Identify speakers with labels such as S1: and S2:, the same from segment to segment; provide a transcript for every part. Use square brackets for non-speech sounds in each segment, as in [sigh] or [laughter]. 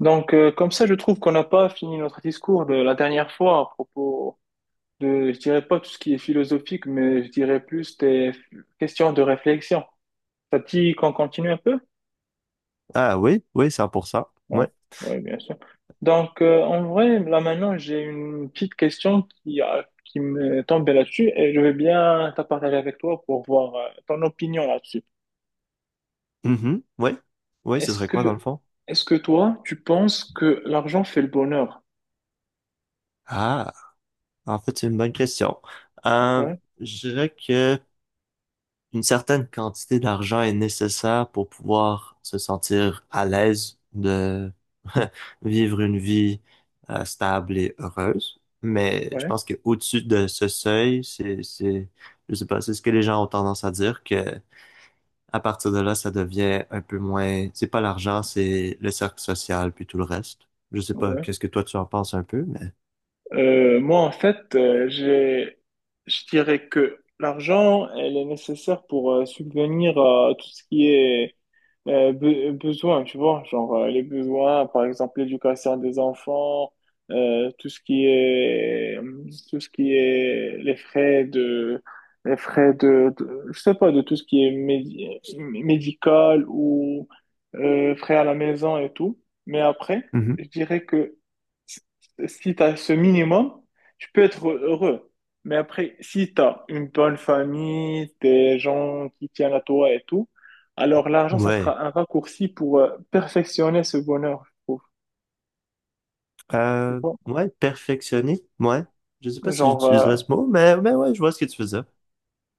S1: Donc, comme ça, je trouve qu'on n'a pas fini notre discours de la dernière fois à propos de, je dirais pas tout ce qui est philosophique, mais je dirais plus des questions de réflexion. Ça te dit qu'on continue un peu?
S2: Ah oui, oui, 100%. Ouais.
S1: Ouais, ouais, bien sûr. Donc, en vrai, là maintenant, j'ai une petite question qui me tombe là-dessus et je veux bien t'en partager avec toi pour voir ton opinion là-dessus.
S2: Mhm. Ouais. Ouais, ce
S1: Est-ce
S2: serait quoi dans le
S1: que,
S2: fond?
S1: est-ce que toi, tu penses que l'argent fait le bonheur?
S2: Ah, en fait, c'est une bonne question. Euh,
S1: Ouais,
S2: je dirais que une certaine quantité d'argent est nécessaire pour pouvoir se sentir à l'aise de [laughs] vivre une vie stable et heureuse. Mais je
S1: ouais,
S2: pense que au-dessus de ce seuil, je sais pas, c'est ce que les gens ont tendance à dire que à partir de là, ça devient un peu moins, c'est pas l'argent, c'est le cercle social, puis tout le reste. Je sais pas,
S1: ouais.
S2: qu'est-ce que toi tu en penses un peu, mais
S1: Moi, en fait, je dirais que l'argent, elle est nécessaire pour subvenir à tout ce qui est besoin, tu vois, genre les besoins, par exemple l'éducation des enfants, euh, tout ce qui est, tout ce qui est les frais de, je sais pas, de tout ce qui est médical ou frais à la maison et tout. Mais après,
S2: Mhm.
S1: je dirais que si tu as ce minimum, tu peux être heureux. Mais après, si tu as une bonne famille, des gens qui tiennent à toi et tout, alors l'argent, ça
S2: Ouais.
S1: sera un raccourci pour perfectionner ce bonheur, je trouve. Tu
S2: Euh,
S1: vois?
S2: ouais, perfectionner, ouais. Je sais pas si
S1: Genre,
S2: j'utiliserais ce mot, mais ouais, je vois ce que tu veux dire.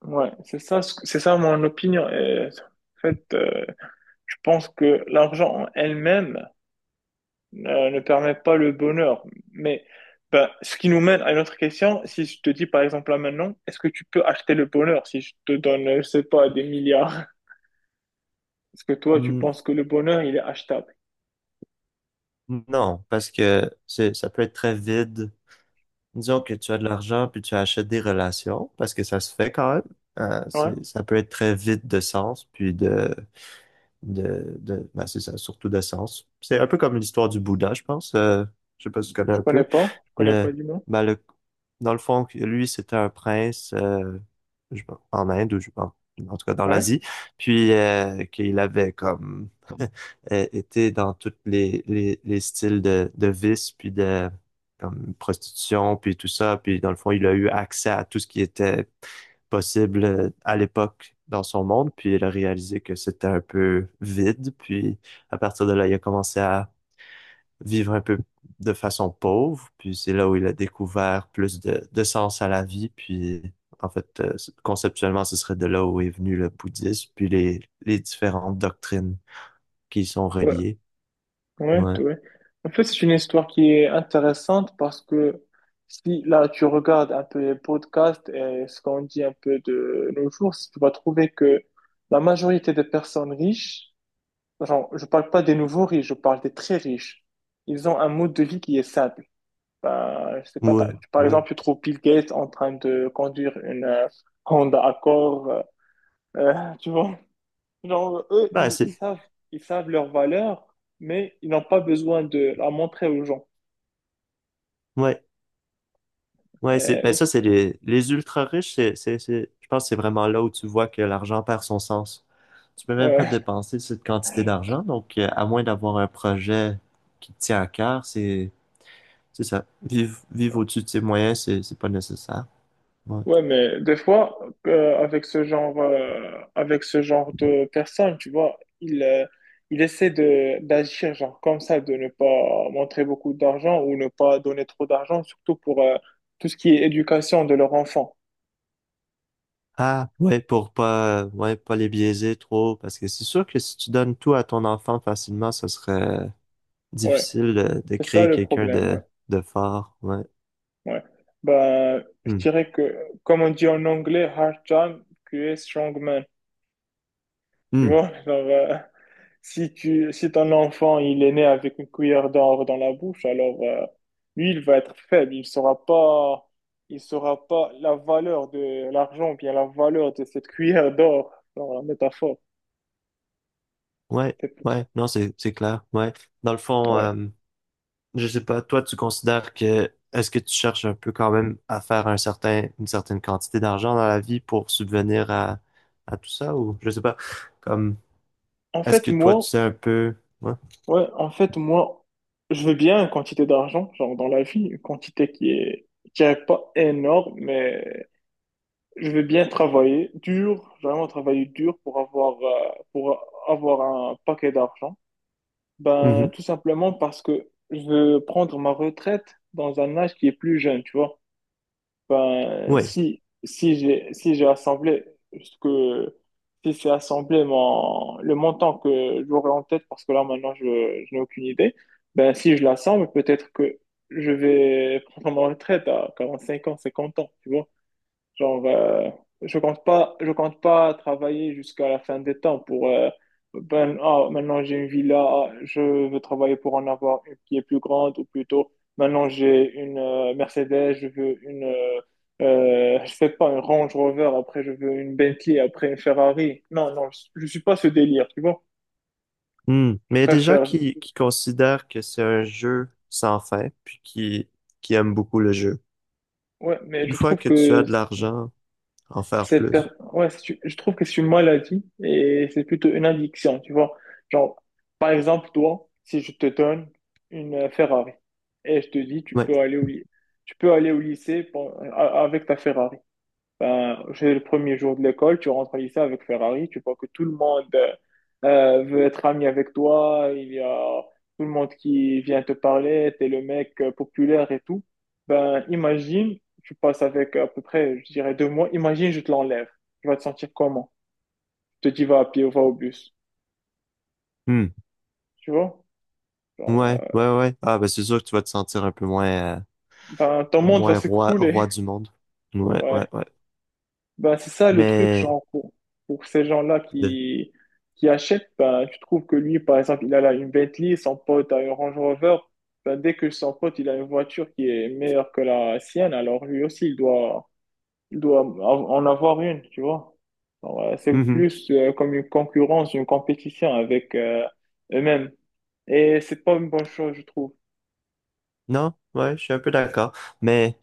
S1: ouais, c'est ça, c'est ça mon opinion. Et, en fait, je pense que l'argent en elle-même, ne permet pas le bonheur. Mais ben, ce qui nous mène à une autre question, si je te dis par exemple là maintenant, est-ce que tu peux acheter le bonheur si je te donne, je sais pas, des milliards? Est-ce que toi, tu
S2: Hmm.
S1: penses que le bonheur, il est achetable?
S2: Non, parce que ça peut être très vide. Disons que tu as de l'argent, puis tu achètes des relations, parce que ça se fait quand même.
S1: Ouais,
S2: Ça peut être très vide de sens, puis c'est ça, surtout d'essence. C'est un peu comme l'histoire du Bouddha, je pense. Je sais pas si tu connais un peu.
S1: je connais
S2: Le,
S1: pas du moins.
S2: ben, le, dans le fond, lui, c'était un prince sais pas, en Inde ou en tout cas dans
S1: Ouais,
S2: l'Asie, puis qu'il avait comme [laughs] été dans tous les styles de vice, puis de comme prostitution, puis tout ça, puis dans le fond, il a eu accès à tout ce qui était possible à l'époque dans son monde, puis il a réalisé que c'était un peu vide, puis à partir de là, il a commencé à vivre un peu de façon pauvre, puis c'est là où il a découvert plus de sens à la vie, puis en fait, euh, conceptuellement, ce serait de là où est venu le bouddhisme, puis les différentes doctrines qui y sont
S1: ouais,
S2: reliées.
S1: ouais,
S2: Ouais,
S1: ouais. En fait, c'est une histoire qui est intéressante parce que si là, tu regardes un peu les podcasts et ce qu'on dit un peu de nos jours, tu vas trouver que la majorité des personnes riches. Genre, je parle pas des nouveaux riches, je parle des très riches. Ils ont un mode de vie qui est simple. Bah, je sais pas,
S2: ouais,
S1: par
S2: ouais.
S1: exemple, tu trouves Bill Gates en train de conduire une Honda Accord, [laughs] tu vois. Genre, eux,
S2: Ben, c'est,
S1: ils savent leur valeur, mais ils n'ont pas besoin de la montrer aux gens.
S2: ouais. Ouais,
S1: Euh,
S2: ben ça,
S1: aussi-
S2: c'est les ultra riches, je pense que c'est vraiment là où tu vois que l'argent perd son sens. Tu peux même pas
S1: ouais.
S2: dépenser cette quantité d'argent. Donc, à moins d'avoir un projet qui te tient à cœur, c'est ça. Vivre au-dessus de ses moyens, c'est pas nécessaire. Ouais.
S1: Ouais, mais des fois, avec ce genre de personnes, tu vois, il ils essaient de d'agir genre comme ça, de ne pas montrer beaucoup d'argent ou ne pas donner trop d'argent, surtout pour tout ce qui est éducation de leur enfant.
S2: Ah, ouais, pour pas, ouais, pas les biaiser trop, parce que c'est sûr que si tu donnes tout à ton enfant facilement, ce serait
S1: Ouais,
S2: difficile de
S1: c'est ça
S2: créer
S1: le
S2: quelqu'un
S1: problème. Ouais,
S2: de fort. Ouais.
S1: ouais. Ben, je
S2: Hmm.
S1: dirais que, comme on dit en anglais, hard time creates strong man. Tu
S2: Hmm.
S1: vois, [laughs] genre, si ton enfant il est né avec une cuillère d'or dans la bouche, alors lui il va être faible, il saura pas la valeur de l'argent, bien la valeur de cette cuillère d'or dans la métaphore.
S2: Ouais.
S1: C'est pour ça.
S2: Ouais. Non, c'est clair. Ouais. Dans le fond,
S1: Ouais.
S2: je sais pas, toi, tu considères que est-ce que tu cherches un peu quand même à faire un certain, une certaine quantité d'argent dans la vie pour subvenir à tout ça ou je sais pas, comme
S1: En
S2: est-ce
S1: fait
S2: que toi tu
S1: moi,
S2: sais un peu ouais.
S1: ouais, je veux bien une quantité d'argent, genre dans la vie, une quantité qui est pas énorme, mais je veux bien travailler dur, vraiment travailler dur pour avoir un paquet d'argent. Ben,
S2: Mhm.
S1: tout simplement parce que je veux prendre ma retraite dans un âge qui est plus jeune, tu vois. Ben,
S2: Ouais.
S1: si j'ai assemblé, ce que, si j'ai assemblé le montant que j'aurais en tête, parce que là, maintenant, je n'ai aucune idée, ben, si je l'assemble, peut-être que je vais prendre ma retraite à 45 ans, 50 ans, tu vois. Genre, je compte pas travailler jusqu'à la fin des temps pour ben, ah, maintenant j'ai une villa, ah, je veux travailler pour en avoir une qui est plus grande ou plutôt maintenant j'ai une Mercedes, je veux je sais pas, une Range Rover, après je veux une Bentley, après une Ferrari. Non, non, je suis pas ce délire, tu vois.
S2: Hmm.
S1: Je
S2: Mais il y a des gens
S1: préfère,
S2: qui considèrent que c'est un jeu sans fin puis qui aiment beaucoup le jeu.
S1: ouais, mais
S2: Une
S1: je
S2: fois
S1: trouve
S2: que tu
S1: que
S2: as de l'argent, en faire
S1: Cette per-
S2: plus.
S1: ouais, je trouve que c'est une maladie et c'est plutôt une addiction, tu vois. Genre, par exemple, toi, si je te donne une Ferrari et je te dis,
S2: Ouais.
S1: tu peux aller au lycée avec ta Ferrari. Ben, c'est le premier jour de l'école, tu rentres au lycée avec Ferrari, tu vois que tout le monde veut être ami avec toi, il y a tout le monde qui vient te parler, t'es le mec populaire et tout. Ben, imagine, tu passes avec à peu près, je dirais 2 mois, imagine, je te l'enlève. Tu vas te sentir comment? Je te dis, va à pied ou va au bus.
S2: Hmm.
S1: Tu vois? Genre,
S2: Ouais, ouais, ouais. Ah ben c'est sûr que tu vas te sentir un peu moins
S1: ben, ton monde va
S2: moins roi
S1: s'écrouler.
S2: roi du monde.
S1: [laughs]
S2: Ouais,
S1: Ouais.
S2: ouais, ouais.
S1: Bah, c'est ça le truc,
S2: Mais
S1: genre, pour ces gens-là
S2: de...
S1: qui achètent, ben, tu trouves que lui, par exemple, il a là une Bentley, son pote a une Range Rover, ben, dès que son pote, il a une voiture qui est meilleure que la sienne, alors lui aussi, il doit en avoir une, tu vois. Alors, c'est
S2: Mhm.
S1: plus comme une concurrence, une compétition avec eux-mêmes. Et c'est pas une bonne chose, je trouve.
S2: Non, ouais, je suis un peu d'accord. Mais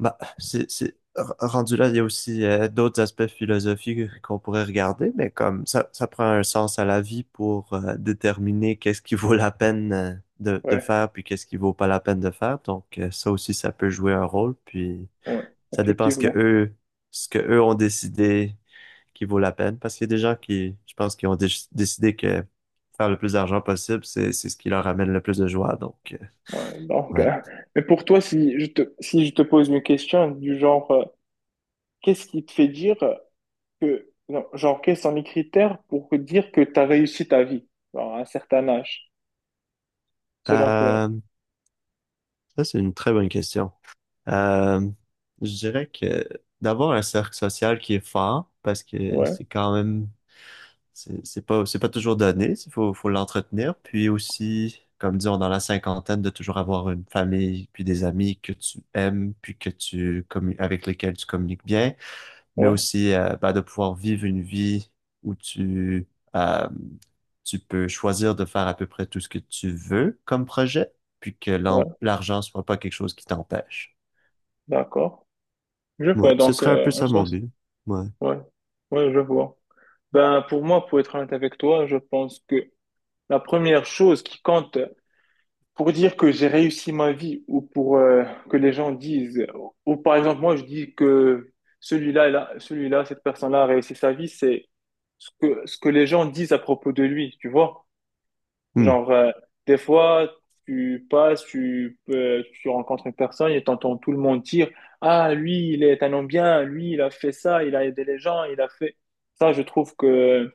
S2: bah, r- rendu là, il y a aussi d'autres aspects philosophiques qu'on pourrait regarder, mais comme ça prend un sens à la vie pour déterminer qu'est-ce qui vaut la peine de
S1: Ouais,
S2: faire, puis qu'est-ce qui vaut pas la peine de faire. Donc ça aussi, ça peut jouer un rôle. Puis
S1: ouais,
S2: ça dépend
S1: effectivement.
S2: ce que eux ont décidé qui vaut la peine, parce qu'il y a des gens qui, je pense, qui ont décidé que faire le plus d'argent possible, c'est ce qui leur amène le plus de joie. Donc
S1: Ouais, donc,
S2: ouais.
S1: mais pour toi, si je te pose une question du genre, qu'est-ce qui te fait dire que, non, genre, quels sont les critères pour dire que tu as réussi ta vie, genre, à un certain âge, selon toi?
S2: Euh, ça, c'est une très bonne question. Euh, je dirais que d'avoir un cercle social qui est fort, parce que
S1: Ouais,
S2: c'est quand même, c'est pas toujours donné, faut l'entretenir. Puis aussi, comme disons, dans la cinquantaine, de toujours avoir une famille, puis des amis que tu aimes, puis que tu avec lesquels tu communiques bien. Mais
S1: ouais,
S2: aussi bah, de pouvoir vivre une vie où euh, tu peux choisir de faire à peu près tout ce que tu veux comme projet, puis que
S1: ouais,
S2: l'argent soit pas quelque chose qui t'empêche.
S1: d'accord. Je
S2: Ouais,
S1: vois,
S2: ce
S1: donc,
S2: serait un peu
S1: en
S2: ça mon
S1: soi,
S2: but. Ouais.
S1: ouais, ouais, je vois. Ben, pour moi, pour être honnête avec toi, je pense que la première chose qui compte pour dire que j'ai réussi ma vie ou pour que les gens disent, ou par exemple, moi, je dis que cette personne-là a réussi sa vie, c'est ce que les gens disent à propos de lui, tu vois?
S2: Hmm.
S1: Genre, des fois, tu passes, tu rencontres une personne et t'entends tout le monde dire, Ah, lui, il est un homme bien, lui, il a fait ça, il a aidé les gens, il a fait... Ça, je trouve que,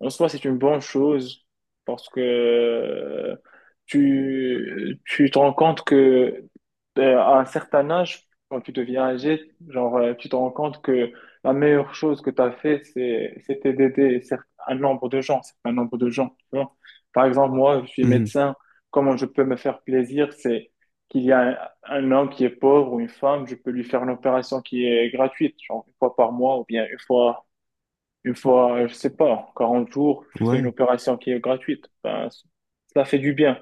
S1: en soi, c'est une bonne chose parce que tu te rends compte que à un certain âge, quand tu deviens âgé, genre, tu te rends compte que la meilleure chose que tu as fait, c'était d'aider un nombre de gens, un nombre de gens, tu vois. Par exemple, moi, je suis
S2: Mhm.
S1: médecin. Comment je peux me faire plaisir, c'est qu'il y a un homme qui est pauvre ou une femme, je peux lui faire une opération qui est gratuite, genre une fois par mois ou bien une fois, je sais pas, 40 jours, je fais une
S2: Ouais.
S1: opération qui est gratuite. Ben, ça fait du bien.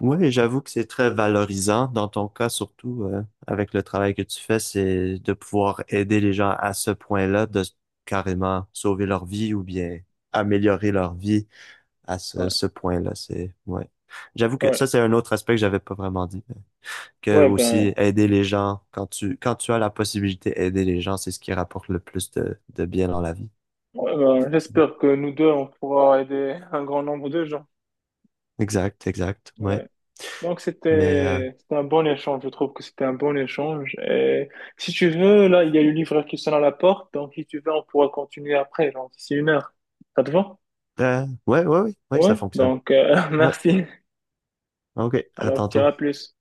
S2: Ouais, j'avoue que c'est très valorisant dans ton cas, surtout avec le travail que tu fais, c'est de pouvoir aider les gens à ce point-là, carrément sauver leur vie ou bien améliorer leur vie à
S1: Ouais,
S2: ce point-là. C'est, ouais. J'avoue que
S1: ouais,
S2: ça, c'est un autre aspect que j'avais pas vraiment dit. Que
S1: ouais,
S2: aussi,
S1: ben.
S2: aider les gens, quand quand tu as la possibilité aider les gens, c'est ce qui rapporte le plus de bien dans la vie.
S1: Ouais, ben, j'espère que nous deux, on pourra aider un grand nombre de gens.
S2: Exact, exact. Ouais.
S1: Ouais. Donc,
S2: Mais,
S1: c'était un bon échange. Je trouve que c'était un bon échange. Et si tu veux, là, il y a le livreur qui sonne à la porte. Donc, si tu veux, on pourra continuer après, genre d'ici une heure. Ça te va?
S2: ouais, ouais, ouais, ouais,
S1: Ouais.
S2: ça fonctionne.
S1: Donc, [laughs]
S2: Ouais.
S1: merci.
S2: OK. À
S1: Alors, tu
S2: tantôt.
S1: dirai plus.